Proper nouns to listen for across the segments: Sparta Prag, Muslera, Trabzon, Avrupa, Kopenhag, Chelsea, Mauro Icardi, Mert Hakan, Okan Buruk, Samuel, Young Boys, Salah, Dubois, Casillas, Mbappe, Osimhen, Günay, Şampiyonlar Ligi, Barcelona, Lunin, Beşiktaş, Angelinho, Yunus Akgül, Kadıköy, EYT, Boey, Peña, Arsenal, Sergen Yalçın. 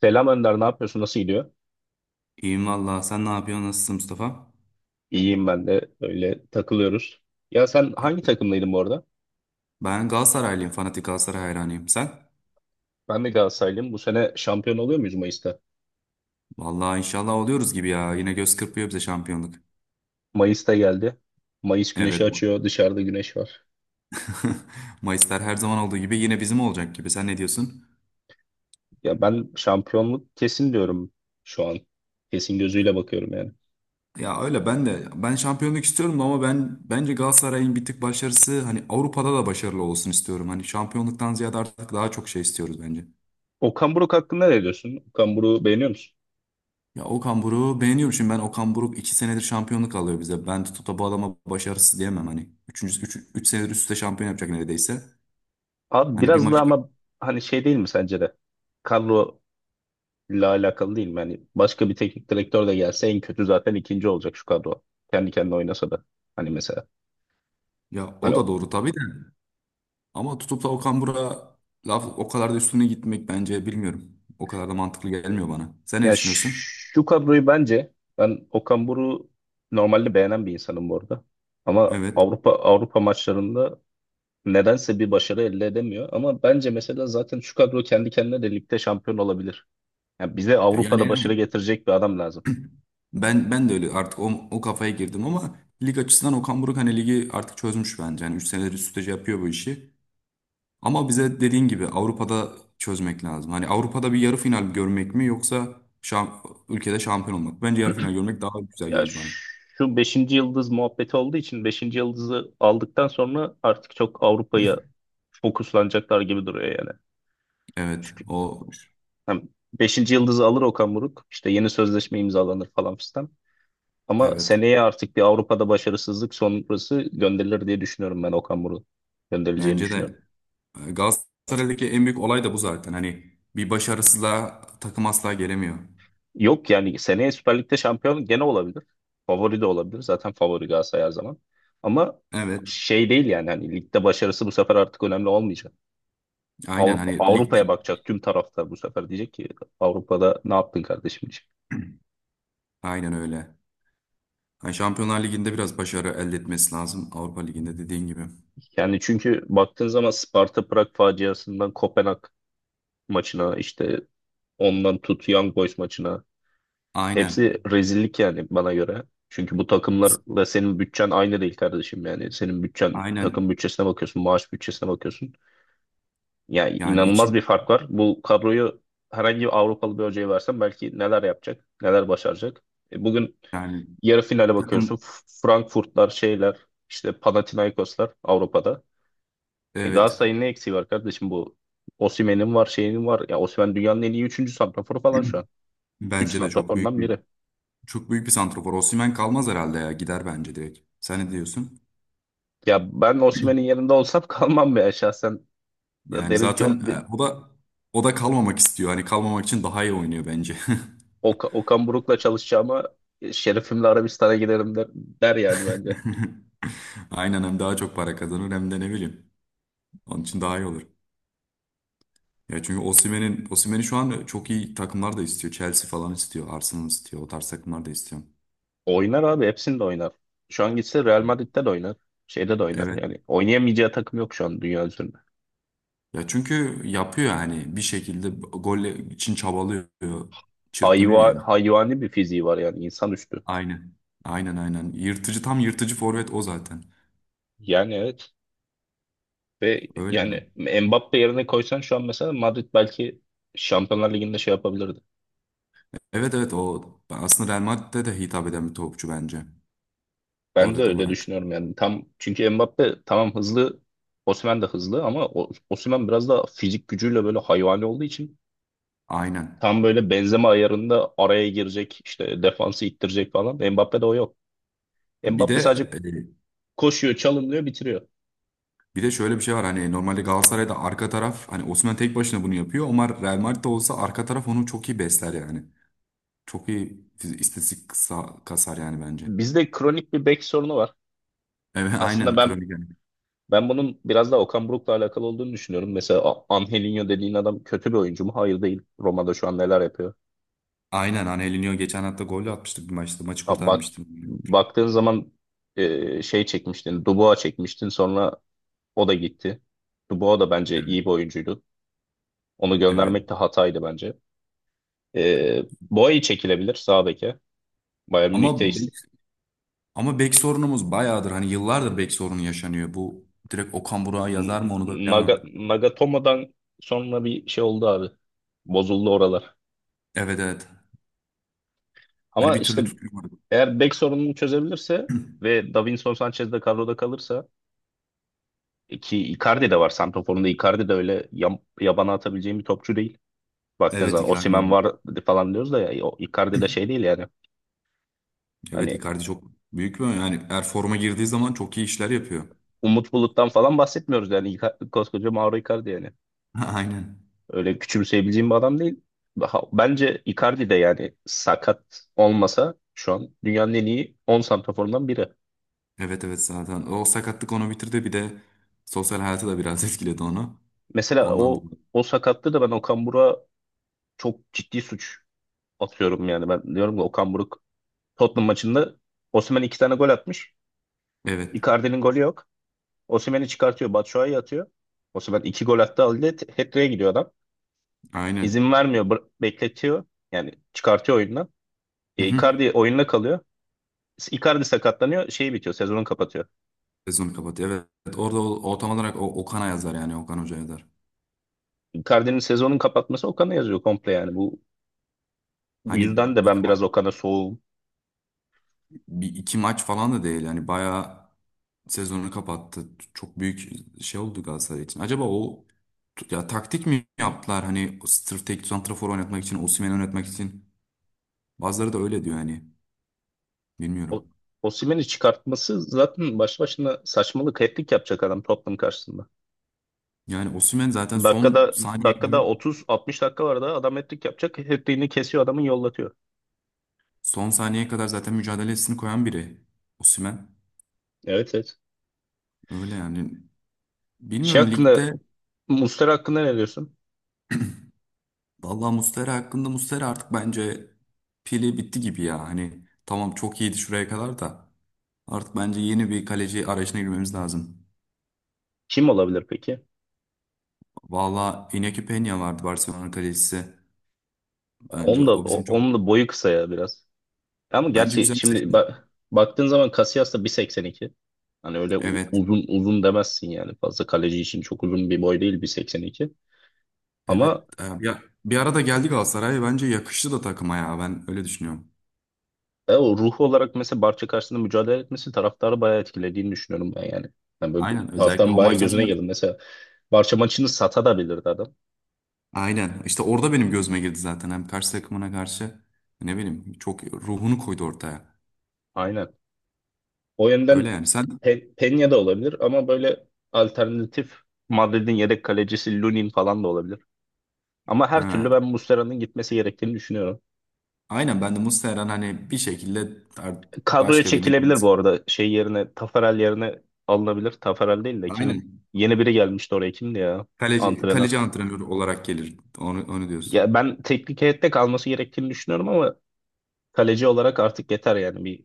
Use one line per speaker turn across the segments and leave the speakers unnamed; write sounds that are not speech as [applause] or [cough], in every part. Selam Önder, ne yapıyorsun? Nasıl gidiyor?
İyiyim valla. Sen ne yapıyorsun? Nasılsın Mustafa?
İyiyim ben de. Öyle takılıyoruz. Ya sen hangi takımdaydın bu arada?
Ben Galatasaraylıyım. Fanatik Galatasaray hayranıyım. Sen?
Ben de Galatasaraylıyım. Bu sene şampiyon oluyor muyuz Mayıs'ta?
Valla inşallah oluyoruz gibi ya. Yine göz kırpıyor bize şampiyonluk.
Mayıs'ta geldi. Mayıs güneşi
Evet.
açıyor. Dışarıda güneş var.
[laughs] Mayıslar her zaman olduğu gibi yine bizim olacak gibi. Sen ne diyorsun?
Ya ben şampiyonluk kesin diyorum şu an. Kesin gözüyle bakıyorum yani.
Ya öyle ben de ben şampiyonluk istiyorum ama bence Galatasaray'ın bir tık başarısı hani Avrupa'da da başarılı olsun istiyorum. Hani şampiyonluktan ziyade artık daha çok şey istiyoruz bence.
Okan Buruk hakkında ne diyorsun? Okan Buruk'u beğeniyor musun?
Ya Okan Buruk'u beğeniyorum şimdi ben Okan Buruk 2 senedir şampiyonluk alıyor bize. Ben tutup da bu adama başarısız diyemem hani. Üçüncü 3 3 senedir üst üste şampiyon yapacak neredeyse.
Abi
Hani bir
biraz
maç
da ama hani şey değil mi sence de? Kadro ile alakalı değil. Yani başka bir teknik direktör de gelse en kötü zaten ikinci olacak şu kadro. Kendi kendine oynasa da. Hani mesela.
ya
Hani
o da
o.
doğru tabii de ama tutup da Okan Buruk'a laf o kadar da üstüne gitmek bence bilmiyorum. O kadar da mantıklı gelmiyor bana. Sen ne
Ya
düşünüyorsun?
şu kadroyu bence ben Okan Buruk'u normalde beğenen bir insanım bu arada. Ama
Evet.
Avrupa maçlarında nedense bir başarı elde edemiyor. Ama bence mesela zaten şu kadro kendi kendine de ligde şampiyon olabilir. Yani bize
Yani,
Avrupa'da başarı
yani
getirecek bir adam lazım.
ben de öyle artık o kafaya girdim ama lig açısından Okan Buruk hani ligi artık çözmüş bence. Yani 3 senedir üst üste şey yapıyor bu işi. Ama bize dediğin gibi Avrupa'da çözmek lazım. Hani Avrupa'da bir yarı final görmek mi yoksa ülkede şampiyon olmak mı? Bence yarı final görmek daha güzel
Ya
gelir bana.
şu beşinci yıldız muhabbeti olduğu için beşinci yıldızı aldıktan sonra artık çok Avrupa'ya fokuslanacaklar gibi duruyor yani.
Evet,
Çünkü
o,
hem 5. yıldızı alır Okan Buruk, işte yeni sözleşme imzalanır falan fistan. Ama
evet.
seneye artık bir Avrupa'da başarısızlık sonrası gönderilir diye düşünüyorum, ben Okan Buruk gönderileceğini
Bence de
düşünüyorum.
Galatasaray'daki en büyük olay da bu zaten. Hani bir başarısızlığa takım asla gelemiyor.
Yok yani seneye Süper Lig'de şampiyon gene olabilir. Favori de olabilir. Zaten favori Galatasaray her zaman. Ama
Evet,
şey değil yani, hani ligde başarısı bu sefer artık önemli olmayacak.
aynen hani ligde
Avrupa'ya bakacak tüm taraftar, bu sefer diyecek ki Avrupa'da ne yaptın kardeşim diyecek.
aynen öyle. Hani Şampiyonlar Ligi'nde biraz başarı elde etmesi lazım. Avrupa Ligi'nde dediğin gibi.
Yani çünkü baktığın zaman Sparta Prag faciasından Kopenhag maçına, işte ondan tut Young Boys maçına, hepsi
Aynen.
rezillik yani bana göre. Çünkü bu takımlarla senin bütçen aynı değil kardeşim yani. Senin bütçen,
Aynen.
takım bütçesine bakıyorsun, maaş bütçesine bakıyorsun. Yani
Yani,
inanılmaz
iki,
bir fark var. Bu kadroyu herhangi bir Avrupalı bir hocaya versen belki neler yapacak, neler başaracak. Bugün
yani
yarı finale bakıyorsun.
takım,
Frankfurtlar, şeyler işte, Panathinaikoslar Avrupa'da. E
evet.
Galatasaray'ın ne eksiği var kardeşim bu? Osimhen'in var, şeyinin var. Ya Osimhen dünyanın en iyi 3. santraforu falan şu an. 3
Bence de çok büyük
santraforundan
bir
biri.
çok büyük bir santrafor. Osimhen kalmaz herhalde ya. Gider bence direkt. Sen ne diyorsun?
Ya ben Osimhen'in yerinde olsam [laughs] kalmam be şahsen.
Yani
Derim ki
zaten o da kalmamak istiyor. Hani kalmamak için daha iyi oynuyor bence.
Okan Buruk'la çalışacağıma, şerefimle Arabistan'a giderim der yani bence.
[laughs] Aynen, hem daha çok para kazanır hem de ne bileyim. Onun için daha iyi olur. Ya çünkü Osimhen'i şu an çok iyi takımlar da istiyor. Chelsea falan istiyor, Arsenal istiyor. O tarz takımlar da istiyor.
Oynar abi, hepsinde oynar. Şu an gitse Real Madrid'de de oynar. Şeyde de oynar.
Evet.
Yani oynayamayacağı takım yok şu an dünya üzerinde.
Ya çünkü yapıyor yani bir şekilde gol için çabalıyor, çırpınıyor
hayva,
yani.
hayvani bir fiziği var yani, insanüstü.
Aynen. Aynen, aynen. Yırtıcı tam yırtıcı forvet o zaten.
Yani evet ve
Öyle
yani
mi?
Mbappe yerine koysan şu an mesela Madrid belki Şampiyonlar Ligi'nde şey yapabilirdi.
Evet, evet. O aslında Real Madrid'de de hitap eden bir topçu bence.
Ben de
Forvet
öyle
olarak.
düşünüyorum yani. Tam çünkü Mbappe tamam hızlı, Osimhen de hızlı ama Osimhen biraz da fizik gücüyle böyle hayvani olduğu için
Aynen.
tam böyle benzeme ayarında araya girecek, işte defansı ittirecek falan. Mbappe'de o yok.
Bir de
Mbappe sadece
e,
koşuyor, çalımlıyor, bitiriyor.
bir de şöyle bir şey var hani normalde Galatasaray'da arka taraf hani Osimhen tek başına bunu yapıyor ama Real Madrid'de olsa arka taraf onu çok iyi besler yani. Çok iyi istatistik kasar yani bence. [laughs]
Bizde kronik bir bek sorunu var.
Evet,
Aslında
aynen
ben
kronik, yani.
Ben bunun biraz daha Okan Buruk'la alakalı olduğunu düşünüyorum. Mesela Angelinho dediğin adam kötü bir oyuncu mu? Hayır, değil. Roma'da şu an neler yapıyor?
Aynen Angelinho geçen hafta golle atmıştık bir maçta. Maçı
Ha, bak,
kurtarmıştım.
baktığın zaman şey çekmiştin, Dubois çekmiştin. Sonra o da gitti. Dubois da bence
Evet.
iyi bir oyuncuydu. Onu
Evet.
göndermek de hataydı bence. E, Boey çekilebilir sağ beke. Bayern Münih'te
Ama be- Ama bek sorunumuz bayağıdır. Hani yıllardır bek sorunu yaşanıyor. Bu direkt Okan Burak'a yazar mı onu da bilemem.
Naga- Nagatomo'dan sonra bir şey oldu abi. Bozuldu oralar.
Evet, evet. Hani
Ama
bir
işte
türlü tutulmadı.
eğer bek sorununu çözebilirse ve Davinson Sanchez de kadroda kalırsa, ki Icardi de var. Santrafor'un da, Icardi de öyle yabana atabileceğim bir topçu değil. Baktığın
Evet,
zaman
Icardi.
Osimhen var falan diyoruz da ya, o Icardi de şey değil yani.
Evet,
Hani
Icardi çok büyük bir yani eğer forma girdiği zaman çok iyi işler yapıyor.
Umut Bulut'tan falan bahsetmiyoruz yani. Koskoca Mauro Icardi yani.
[laughs] Aynen.
Öyle küçümseyebileceğim bir adam değil. Bence Icardi de yani, sakat olmasa şu an dünyanın en iyi 10 santraforundan biri.
Evet, evet, zaten. O sakatlık onu bitirdi bir de sosyal hayatı da biraz [laughs] etkiledi onu.
Mesela
Ondan
o
dolayı.
o sakatlığı da ben Okan Buruk'a çok ciddi suç atıyorum, yani ben diyorum ki Okan Buruk Tottenham maçında Osimhen iki tane gol atmış.
Evet.
Icardi'nin golü yok. Osimhen'i çıkartıyor. Batshuayi atıyor. Osimhen iki gol attı. Halde hat-trick'e gidiyor adam.
Aynen.
İzin vermiyor. Bekletiyor. Yani çıkartıyor oyundan.
Hı
E,
hı.
Icardi oyunda kalıyor. Icardi sakatlanıyor. Şey bitiyor. Sezonu kapatıyor.
Sezonu kapatıyor. Evet. Orada o tam olarak o, Okan'a yazar yani Okan Hoca yazar.
Icardi'nin sezonun kapatması Okan'a yazıyor komple yani. Bu
Hani
yüzden de ben biraz
Icardi
Okan'a soğuğum.
bir iki maç falan da değil. Yani bayağı sezonu kapattı. Çok büyük şey oldu Galatasaray için. Acaba o ya taktik mi yaptılar? Hani sırf tek santrafor oynatmak için, Osimhen'i oynatmak için. Bazıları da öyle diyor yani.
O,
Bilmiyorum.
Osimhen'i çıkartması zaten baş başına saçmalık. Hat-trick yapacak adam Tottenham karşısında.
Yani Osimhen zaten
Dakikada dakikada 30-60 dakika var da adam hat-trick yapacak. Hat-trick'ini kesiyor adamın, yollatıyor.
son saniyeye kadar zaten mücadelesini koyan biri. Osimhen.
Evet, evet.
Öyle yani.
Şey
Bilmiyorum ligde
hakkında Muslera hakkında ne diyorsun?
vallahi. Muslera hakkında Muslera artık bence pili bitti gibi ya. Hani tamam çok iyiydi şuraya kadar da. Artık bence yeni bir kaleci arayışına girmemiz lazım.
Kim olabilir peki?
Valla Iñaki Peña vardı Barcelona kalecisi. Bence
Onun da
o
o-
bizim çok
onun da boyu kısa ya biraz. Ama
bence
gerçi
güzel bir
şimdi
seçim.
bak, baktığın zaman Casillas da 1,82. Hani öyle
Evet.
uzun uzun demezsin yani. Fazla kaleci için çok uzun bir boy değil 1,82.
Evet.
Ama
Bir arada geldi Galatasaray. Bence yakıştı da takıma ya. Ben öyle düşünüyorum.
O ruhu olarak mesela Barça karşısında mücadele etmesi taraftarı bayağı etkilediğini düşünüyorum ben yani. Yani böyle
Aynen. Özellikle
taraftarın
o
bayağı
maçtan
gözüne
sonra.
girdi. Mesela Barça maçını satabilirdi adam.
Aynen. İşte orada benim gözüme girdi zaten. Hem karşı takımına karşı ne bileyim çok ruhunu koydu ortaya.
Aynen. O
Öyle
yönden
yani. Sen
Peña da olabilir ama böyle alternatif, Madrid'in yedek kalecisi Lunin falan da olabilir. Ama her türlü
ha,
ben Muslera'nın gitmesi gerektiğini düşünüyorum.
aynen ben de Muslera'nın hani bir şekilde
Kadroya
başka birine
çekilebilir
girmesi.
bu arada. Şey yerine, Taferel yerine alınabilir. Taferel değil de kim
Aynen.
yeni biri gelmişti oraya, kimdi ya?
Kaleci,
Antrenör.
kaleci antrenörü olarak gelir. Onu diyorsun.
Ya ben teknik heyette kalması gerektiğini düşünüyorum ama kaleci olarak artık yeter yani, bir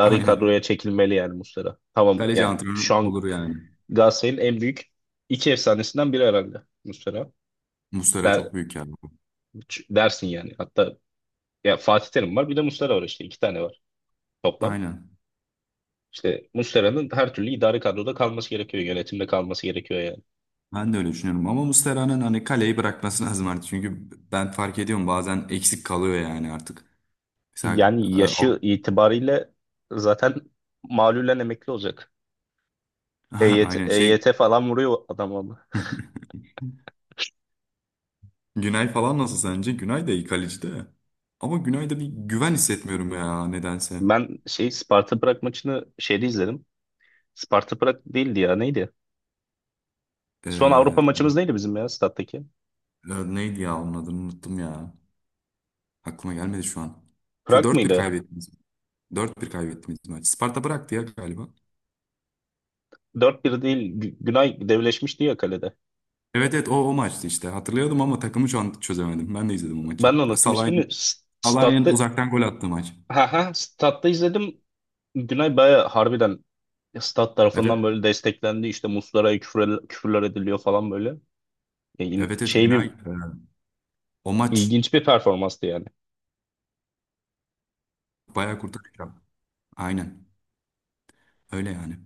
[laughs] Aynen.
kadroya çekilmeli yani Muslera. Tamam
Kaleci
yani şu
antrenörü
an
olur yani.
Galatasaray'ın en büyük iki efsanesinden biri herhalde Muslera.
Muslera
Der,
çok büyük yani.
dersin yani. Hatta ya, Fatih Terim var bir de Muslera var, işte iki tane var toplam.
Aynen.
İşte Muslera'nın her türlü idari kadroda kalması gerekiyor. Yönetimde kalması gerekiyor yani.
Ben de öyle düşünüyorum. Ama Muslera'nın hani kaleyi bırakması lazım artık. Çünkü ben fark ediyorum bazen eksik kalıyor yani artık. Mesela
Yani
e, Av-
yaşı itibariyle zaten malulen emekli olacak.
[laughs]
EYT,
Aynen
EYT falan vuruyor adam ama.
Günay falan nasıl sence? Günay da iyi kaleci de. Ama Günay'da bir güven hissetmiyorum ya nedense.
Ben şey Sparta Prag maçını şeyde izledim. Sparta Prag değildi ya, neydi? Son
Ee,
Avrupa maçımız neydi bizim ya, stattaki?
neydi ya onun adını unuttum ya. Aklıma gelmedi şu an. Şu
Prag
4-1
mıydı?
kaybetti. 4-1 kaybettiğimiz maç. Sparta bıraktı ya galiba.
Dört bir değil, Günay devleşmişti ya kalede.
Evet, evet, o maçtı işte. Hatırlıyordum ama takımı şu an çözemedim. Ben de izledim o maçı.
Ben de unuttum ismini.
Salah'ın
Statta,
Salah'ın uzaktan gol attığı maç.
ha ha, statta izledim. Günay baya harbiden stat tarafından
Evet.
böyle desteklendi. İşte Muslera'ya küfürler ediliyor falan böyle. E, in-
Evet, evet,
şey
Günay.
bir
O maç
ilginç bir performanstı yani.
bayağı kurtarıyor. Aynen. Öyle yani.